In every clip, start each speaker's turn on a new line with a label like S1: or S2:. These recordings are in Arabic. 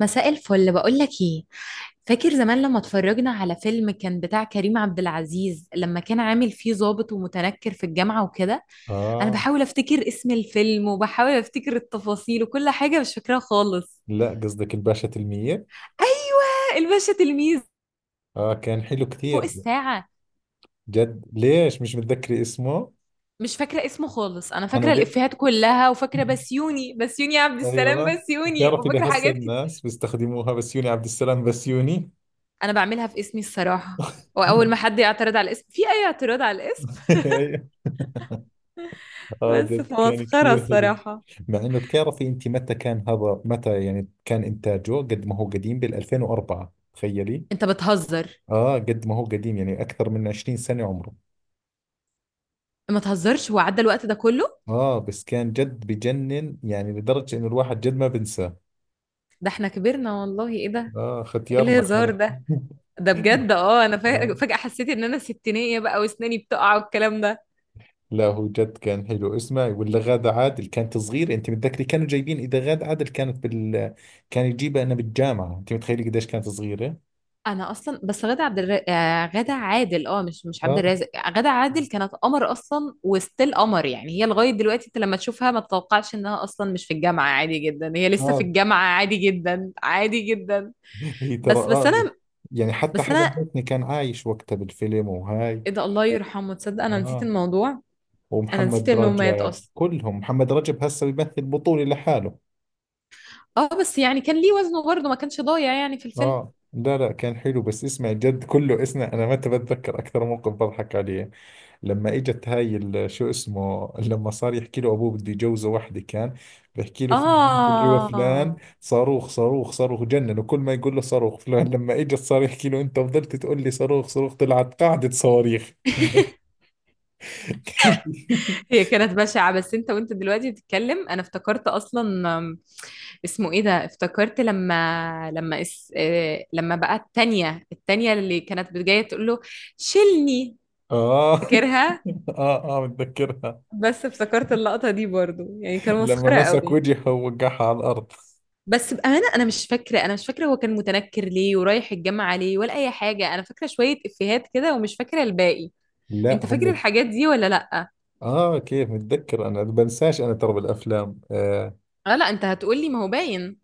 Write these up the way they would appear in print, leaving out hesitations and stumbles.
S1: مساء الفل، بقول لك ايه. فاكر زمان لما اتفرجنا على فيلم كان بتاع كريم عبد العزيز لما كان عامل فيه ضابط ومتنكر في الجامعة وكده؟ انا
S2: آه،
S1: بحاول افتكر اسم الفيلم وبحاول افتكر التفاصيل وكل حاجة مش فاكراها خالص.
S2: لا قصدك الباشا تلميذ.
S1: ايوه، الباشا تلميذ.
S2: آه كان حلو
S1: فوق
S2: كثير.
S1: الساعة.
S2: جد ليش مش متذكري اسمه؟
S1: مش فاكرة اسمه خالص، انا
S2: أنا
S1: فاكرة
S2: ليه؟
S1: الافيهات كلها وفاكرة بسيوني، بسيوني عبد السلام
S2: أيوة
S1: بسيوني،
S2: بتعرفي
S1: وفاكرة
S2: لهسه
S1: حاجات
S2: الناس
S1: كتير.
S2: بيستخدموها بسيوني عبد السلام بسيوني.
S1: انا بعملها في اسمي الصراحة، واول ما حد يعترض على الاسم في اي اعتراض على الاسم.
S2: أيوة. آه
S1: بس
S2: جد كان
S1: فمسخرة
S2: كثير حلو.
S1: الصراحة.
S2: مع إنه بتعرفي أنت متى كان هذا يعني كان إنتاجه قد ما هو قديم بال 2004 تخيلي.
S1: انت بتهزر.
S2: آه قد ما هو قديم يعني أكثر من 20 سنة عمره.
S1: ما تهزرش، وعدى الوقت ده كله؟
S2: آه بس كان جد بجنن يعني لدرجة إنه الواحد جد ما بنساه.
S1: ده احنا كبرنا والله، ايه ده؟
S2: اه
S1: ايه
S2: ختيارنا
S1: الهزار
S2: خرا.
S1: ده؟ ده بجد، اه انا
S2: آه.
S1: فجأة حسيت ان انا ستينية بقى واسناني بتقع والكلام ده.
S2: لا هو جد كان حلو، اسمعي ولا غادة عادل كانت صغيرة؟ انت متذكري كانوا جايبين اذا غادة عادل كانت بال، كان يجيبها انا بالجامعة؟ انت متخيلي قديش كانت صغيرة؟
S1: انا اصلا بس غادة عادل، اه مش عبد
S2: اه
S1: الرازق. غادة عادل كانت قمر اصلا وستيل قمر، يعني هي لغاية دلوقتي انت لما تشوفها ما تتوقعش انها اصلا مش في الجامعة، عادي جدا، هي لسه في
S2: اه،
S1: الجامعة عادي جدا عادي جدا.
S2: هي ترى
S1: بس انا.
S2: اه. يعني حتى
S1: بس
S2: حسن
S1: انا،
S2: حسني كان عايش وقتها بالفيلم وهاي.
S1: ايه ده؟ الله يرحمه، تصدق انا نسيت
S2: اه،
S1: الموضوع. انا نسيت
S2: ومحمد
S1: انه مات
S2: رجب
S1: اصلا.
S2: كلهم، محمد رجب هسه بيمثل بطولة لحاله.
S1: اه بس يعني كان ليه وزنه برضه، ما كانش ضايع يعني في الفيلم.
S2: اه لا كان حلو. بس اسمع جد كله، اسمع انا متى بتذكر اكثر موقف بضحك عليه. لما اجت هاي شو اسمه، لما صار يحكي له ابوه بده يجوزه وحده كان بحكي له في بنت اللي هو
S1: اه.
S2: فلان صاروخ صاروخ صاروخ، جنن كل ما يقول له صاروخ فلان. لما اجت صار يحكي له انت فضلت تقول لي صاروخ صاروخ طلعت قاعدة صواريخ.
S1: هي كانت بشعة، بس انت وانت دلوقتي بتتكلم انا افتكرت اصلا. أم، اسمه ايه ده؟ افتكرت لما اس... آه، لما بقى التانية اللي كانت جاية تقول له شيلني.
S2: اه
S1: فاكرها.
S2: اه متذكرها.
S1: بس افتكرت اللقطة دي برضو، يعني كان
S2: لما
S1: مسخرة
S2: مسك
S1: قوي.
S2: وجهه ووقعها على الارض.
S1: بس بأمانة أنا مش فاكرة، أنا مش فاكرة هو كان متنكر ليه ورايح الجامعة ليه ولا أي حاجة. أنا فاكرة شوية إفيهات كده ومش فاكرة الباقي.
S2: لا
S1: انت فاكر
S2: هم.
S1: الحاجات دي ولا لا؟
S2: اه كيف متذكر، انا بنساش انا ترى بالافلام. آه
S1: اه لا، انت هتقولي ما هو باين.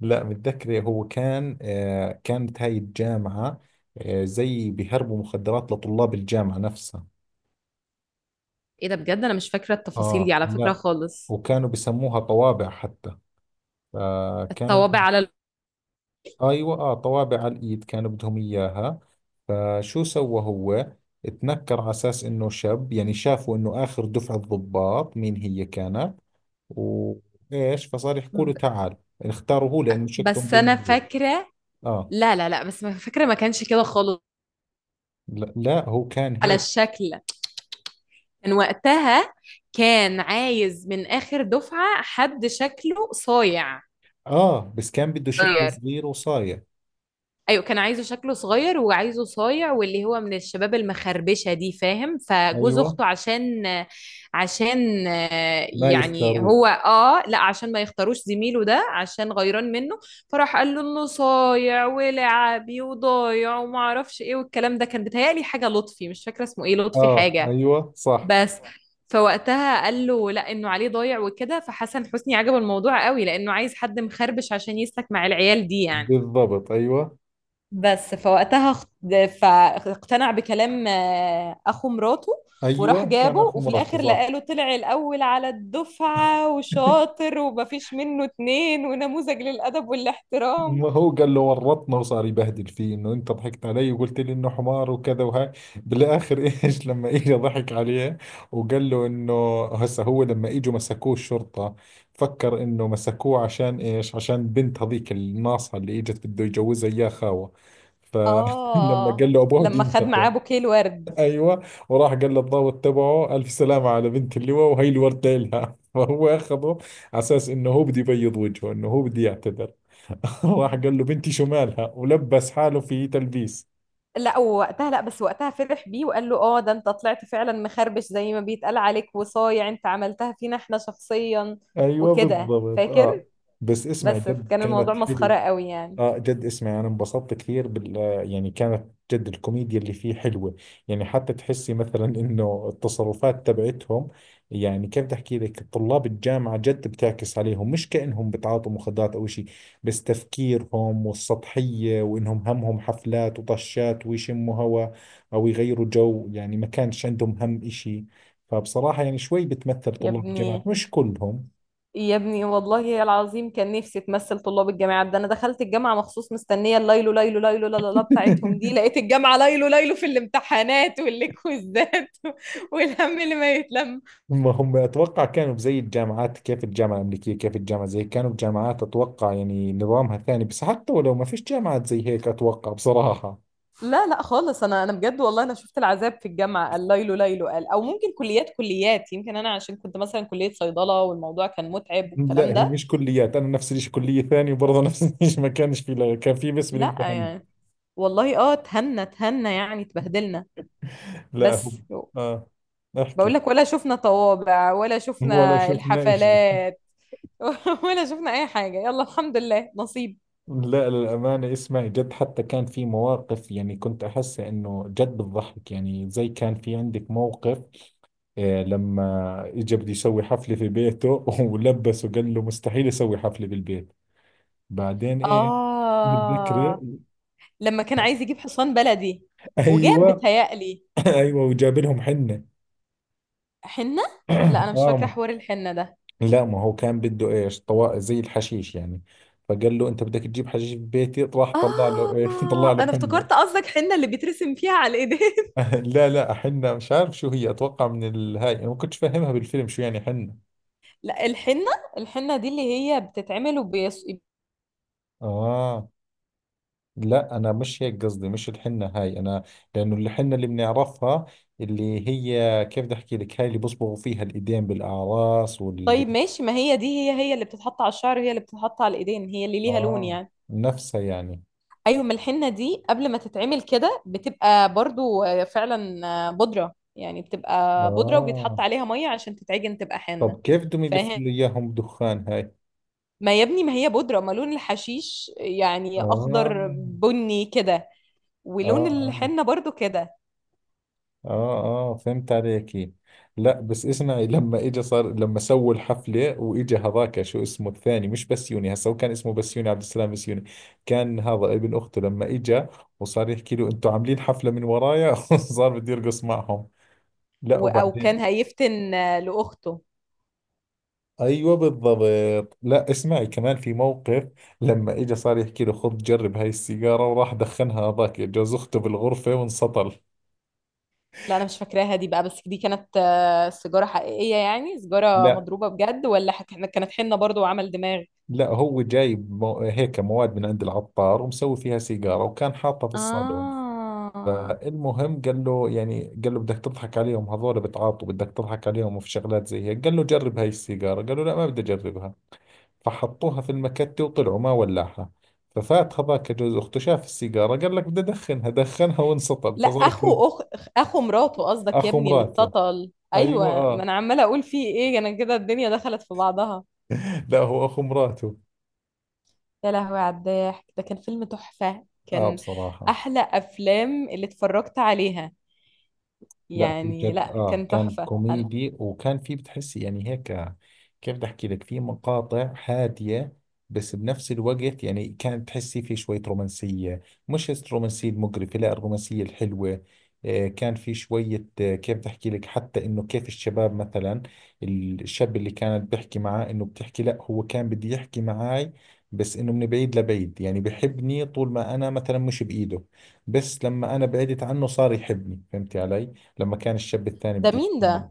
S2: لا متذكر، هو كان آه كانت هاي الجامعة، آه زي بيهربوا مخدرات لطلاب الجامعة نفسها.
S1: ايه ده بجد، انا مش فاكره التفاصيل دي
S2: اه
S1: على فكره
S2: لا،
S1: خالص.
S2: وكانوا بسموها طوابع حتى. فكانوا،
S1: الطوابع على ال...
S2: ايوه اه طوابع على الايد كانوا بدهم اياها. فشو سوى هو؟ اتنكر على اساس انه شاب، يعني شافوا انه اخر دفعة ضباط مين هي كانت، وايش، فصار يحكوا له
S1: ب-
S2: تعال. اختاروا هو لانه شكله
S1: بس انا
S2: مبين.
S1: فاكره.
S2: اه
S1: لا لا لا، بس ما فاكره، ما كانش كده خالص.
S2: لا، هو كان
S1: على
S2: هيك.
S1: الشكل. كان وقتها كان عايز من اخر دفعه حد شكله صايع.
S2: اه بس كان بده شكله صغير وصايع.
S1: ايوه، كان عايزه شكله صغير وعايزه صايع واللي هو من الشباب المخربشه دي، فاهم؟ فجوز
S2: ايوه
S1: اخته عشان،
S2: ما
S1: يعني
S2: يختاروه.
S1: هو اه لا، عشان ما يختاروش زميله ده عشان غيران منه. فراح قال له انه صايع ولعبي وضايع وما اعرفش ايه والكلام ده. كان بيتهيألي حاجه لطفي، مش فاكره اسمه ايه، لطفي
S2: اه
S1: حاجه.
S2: ايوه صح.
S1: بس فوقتها قال له لا انه عليه ضايع وكده، فحسن حسني عجبه الموضوع قوي لانه عايز حد مخربش عشان يسلك مع العيال دي يعني.
S2: بالضبط ايوه.
S1: بس فوقتها فاقتنع بكلام اخو مراته. وراح
S2: ايوه كان
S1: جابه،
S2: اخو
S1: وفي
S2: مرته
S1: الاخر
S2: صح.
S1: لقاله طلع الاول على الدفعه وشاطر ومفيش منه اتنين ونموذج للادب والاحترام.
S2: ما هو قال له ورطنا وصار يبهدل فيه انه انت ضحكت علي وقلت لي انه حمار وكذا وهاي بالاخر. ايش لما اجى ضحك عليه، وقال له انه هسه هو لما اجوا مسكوه الشرطة فكر انه مسكوه عشان ايش، عشان بنت هذيك الناصحة اللي اجت بده يجوزها اياه خاوة. فلما
S1: اه،
S2: قال له ابوه بده
S1: لما خد معاه
S2: ينتقم،
S1: بوكيه الورد.
S2: ايوه، وراح قال للضابط تبعه الف سلامة على بنت اللواء وهي اللي ورد لها. فهو اخذه على اساس انه هو بده يبيض وجهه، انه هو بده يعتذر. راح قال له بنتي شمالها، ولبس حاله في تلبيس.
S1: لا وقتها لا، بس وقتها فرح بيه وقال له اه ده انت طلعت فعلا مخربش زي ما بيتقال عليك وصايع، انت عملتها فينا احنا شخصيا
S2: ايوه
S1: وكده،
S2: بالضبط اه.
S1: فاكر؟
S2: بس اسمع
S1: بس
S2: جد
S1: كان الموضوع
S2: كانت
S1: مسخره
S2: حلوة.
S1: قوي يعني.
S2: اه جد، اسمعي انا انبسطت كثير بال، يعني كانت، جد الكوميديا اللي فيه حلوة. يعني حتى تحسي مثلا انه التصرفات تبعتهم، يعني كيف بدي احكي لك، طلاب الجامعة جد بتعكس عليهم، مش كأنهم بتعاطوا مخدرات او شيء. بس تفكيرهم والسطحية وانهم همهم حفلات وطشات ويشموا هوا، او يغيروا جو، يعني ما كانش عندهم هم اشي. فبصراحة يعني شوي بتمثل
S1: يا
S2: طلاب الجامعات،
S1: ابني،
S2: مش كلهم.
S1: يا ابني والله يا العظيم كان نفسي تمثل طلاب الجامعات، ده انا دخلت الجامعه مخصوص مستنيه الليلو ليلو ليلو لا لا لا بتاعتهم دي، لقيت الجامعه ليلو ليلو في الامتحانات والكويزات والهم اللي ما يتلم.
S2: ما هم اتوقع كانوا زي الجامعات، كيف الجامعه الامريكيه، كيف الجامعه زي كانوا بجامعات اتوقع يعني نظامها ثاني. بس حتى ولو ما فيش جامعات زي هيك اتوقع بصراحه.
S1: لا لا خالص، انا بجد والله انا شفت العذاب في الجامعه. الليلو ليلو قال؟ او ممكن كليات كليات، يمكن انا عشان كنت مثلا كليه صيدله والموضوع كان متعب والكلام
S2: لا هي
S1: ده.
S2: مش كليات، انا نفس الشيء كليه ثانيه وبرضه نفس الشيء، ما كانش في كان في بس
S1: لا
S2: بالامتحانات.
S1: يعني، والله اه اتهنا اتهنا يعني، اتبهدلنا.
S2: لا هو،
S1: بس
S2: اه
S1: بقول
S2: احكي.
S1: لك، ولا شفنا طوابع ولا
S2: ولا
S1: شفنا
S2: شفنا شيء.
S1: الحفلات ولا شفنا اي حاجه، يلا الحمد لله نصيب.
S2: لا للأمانة، اسمعي جد حتى كان في مواقف، يعني كنت أحس إنه جد بتضحك، يعني زي كان في عندك موقف إيه لما اجى بده يسوي حفلة في بيته. ولبسه قال له مستحيل اسوي حفلة بالبيت، بعدين ايه؟ متذكرة؟
S1: آه لما كان عايز يجيب حصان بلدي، وجاب
S2: ايوه.
S1: بتهيألي
S2: ايوه وجاب لهم حنة.
S1: حنه. لا انا مش فاكره
S2: اه
S1: حوار الحنه ده.
S2: لا ما هو كان بده ايش، طوا زي الحشيش يعني. فقال له انت بدك تجيب حشيش في بيتي، راح طلع له ايش طلع
S1: آه،
S2: له
S1: أنا
S2: حنة.
S1: افتكرت قصدك حنة اللي بيترسم فيها على الإيدين.
S2: لا حنة، مش عارف شو هي، اتوقع من الهاي انا ما كنتش فاهمها بالفيلم شو يعني حنة.
S1: لا الحنه، الحنه دي اللي هي بتتعمل وبيص...
S2: اه لا انا مش هيك قصدي، مش الحنة هاي انا، لانه الحنة اللي بنعرفها اللي هي كيف بدي احكي لك، هاي اللي بصبغوا فيها الايدين بالاعراس واللي،
S1: طيب ماشي، ما هي دي هي، هي اللي بتتحط على الشعر وهي اللي بتتحط على الايدين، هي اللي ليها لون
S2: اه
S1: يعني.
S2: نفسها يعني.
S1: ايوه، ما الحنه دي قبل ما تتعمل كده بتبقى برضو فعلا بودره يعني، بتبقى بودره
S2: اه
S1: وبيتحط عليها ميه عشان تتعجن تبقى حنه،
S2: طب كيف بدهم يلفوا
S1: فاهم؟
S2: لي اياهم دخان هاي؟
S1: ما يا ابني، ما هي بودره، ما لون الحشيش يعني
S2: اه
S1: اخضر بني كده،
S2: اه
S1: ولون
S2: اه
S1: الحنه برضو كده.
S2: اه اه فهمت عليك. لا بس اسمعي لما اجى صار، لما سووا الحفلة واجى هذاك شو اسمه الثاني، مش بسيوني هسا، هو كان اسمه بسيوني عبد السلام بسيوني، كان هذا ابن اخته. لما اجى وصار يحكي له انتوا عاملين حفلة من ورايا، صار بده يرقص معهم. لا
S1: او
S2: وبعدين،
S1: كان هيفتن لاخته.
S2: ايوه بالضبط. لا اسمعي، كمان في موقف لما اجى صار يحكي له خذ جرب هاي السيجارة، وراح دخنها هذاك جوز اخته بالغرفة وانسطل.
S1: لا انا مش فاكراها دي بقى، بس دي كانت سيجاره حقيقيه يعني، سيجاره
S2: لا
S1: مضروبه بجد، ولا كانت حنه برضو وعمل دماغ؟
S2: لا هو جايب مو هيك مواد من عند العطار ومسوي فيها سيجارة وكان حاطها في الصالون.
S1: اه
S2: فالمهم قال له يعني، قال له بدك تضحك عليهم هذول بتعاطوا، بدك تضحك عليهم في شغلات زي هيك، قال له جرب هاي السيجارة، قال له لا ما بدي أجربها. فحطوها في المكتة وطلعوا ما ولعها. ففات هذاك جوز أخته شاف السيجارة قال لك بدي أدخنها، دخنها وانسطل،
S1: لا،
S2: فصار كأنه
S1: اخو مراته قصدك يا
S2: أخو
S1: ابني اللي
S2: مراته.
S1: اتسطل. ايوه،
S2: أيوة
S1: ما
S2: آه.
S1: انا عماله اقول فيه ايه، انا كده الدنيا دخلت في بعضها.
S2: لا هو أخو مراته.
S1: يا لهوي على الضحك، ده كان فيلم تحفه
S2: آه
S1: كان،
S2: بصراحة.
S1: احلى افلام اللي اتفرجت عليها
S2: لا هو
S1: يعني.
S2: جد
S1: لا
S2: اه
S1: كان
S2: كان
S1: تحفه أنا...
S2: كوميدي، وكان في بتحسي يعني هيك كيف بدي احكي لك، في مقاطع هادية، بس بنفس الوقت يعني كانت تحسي في شوية رومانسية، مش الرومانسية المقرفة لا الرومانسية الحلوة. آه كان في شوية آه كيف بدي احكي لك، حتى انه كيف الشباب مثلا، الشاب اللي كانت بحكي معاه انه بتحكي، لا هو كان بدي يحكي معاي بس انه من بعيد لبعيد، يعني بحبني طول ما انا مثلا مش بايده، بس لما انا بعدت عنه صار يحبني، فهمتي علي؟ لما كان الشاب الثاني
S1: ده
S2: بده
S1: مين ده؟
S2: يتجمل،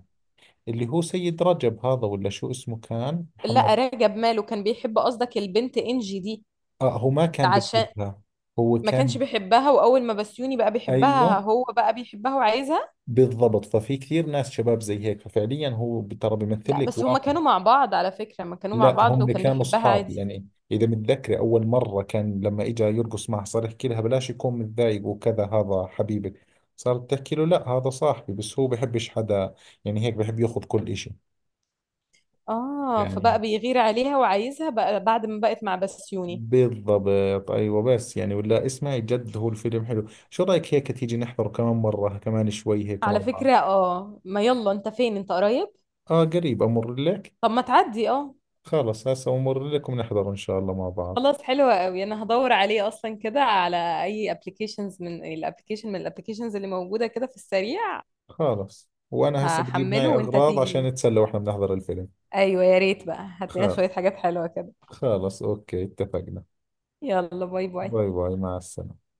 S2: اللي هو سيد رجب هذا ولا شو اسمه كان
S1: لا
S2: محمد.
S1: راجب ماله، كان بيحب قصدك البنت انجي دي؟
S2: آه هو ما كان
S1: عشان
S2: بيحبها، هو
S1: ما كانش
S2: كان،
S1: بيحبها، واول ما بسيوني بقى بيحبها
S2: أيوة
S1: هو بقى بيحبها وعايزها.
S2: بالضبط. ففي كثير ناس شباب زي هيك، ففعليا هو ترى بيمثل
S1: لا
S2: لك
S1: بس هما
S2: واقع.
S1: كانوا مع بعض، على فكرة ما كانوا مع
S2: لا
S1: بعض
S2: هم
S1: وكان
S2: كانوا
S1: بيحبها
S2: أصحاب،
S1: عادي.
S2: يعني إذا متذكري أول مرة كان لما إجا يرقص معها صار يحكي لها بلاش يكون متضايق وكذا هذا حبيبك، صارت تحكي له لا هذا صاحبي بس هو بحبش حدا، يعني هيك بحب ياخذ كل إشي.
S1: اه،
S2: يعني
S1: فبقى بيغير عليها وعايزها بقى بعد ما بقت مع بسيوني.
S2: بالضبط ايوه. بس يعني ولا اسمعي جد هو الفيلم حلو، شو رايك هيك تيجي نحضر كمان مره كمان شوي هيك مع
S1: على
S2: بعض؟
S1: فكرة اه، ما يلا انت فين، انت قريب؟
S2: اه قريب، امر لك.
S1: طب ما تعدي اه.
S2: خلص هسه امر لك ونحضر ان شاء الله مع بعض.
S1: خلاص، حلوة قوي. انا هدور عليه اصلا كده على اي ابلكيشنز، من الابلكيشن من الابلكيشنز اللي موجودة كده في السريع.
S2: خلص وانا هسه بجيب
S1: هحمله
S2: معي
S1: وانت
S2: اغراض عشان
S1: تيجي.
S2: نتسلى واحنا بنحضر الفيلم.
S1: ايوه، يا ريت بقى هات لنا شوية
S2: خلص،
S1: حاجات حلوة كده.
S2: خلص اوكي اتفقنا.
S1: يلا، باي باي.
S2: باي باي مع السلامه.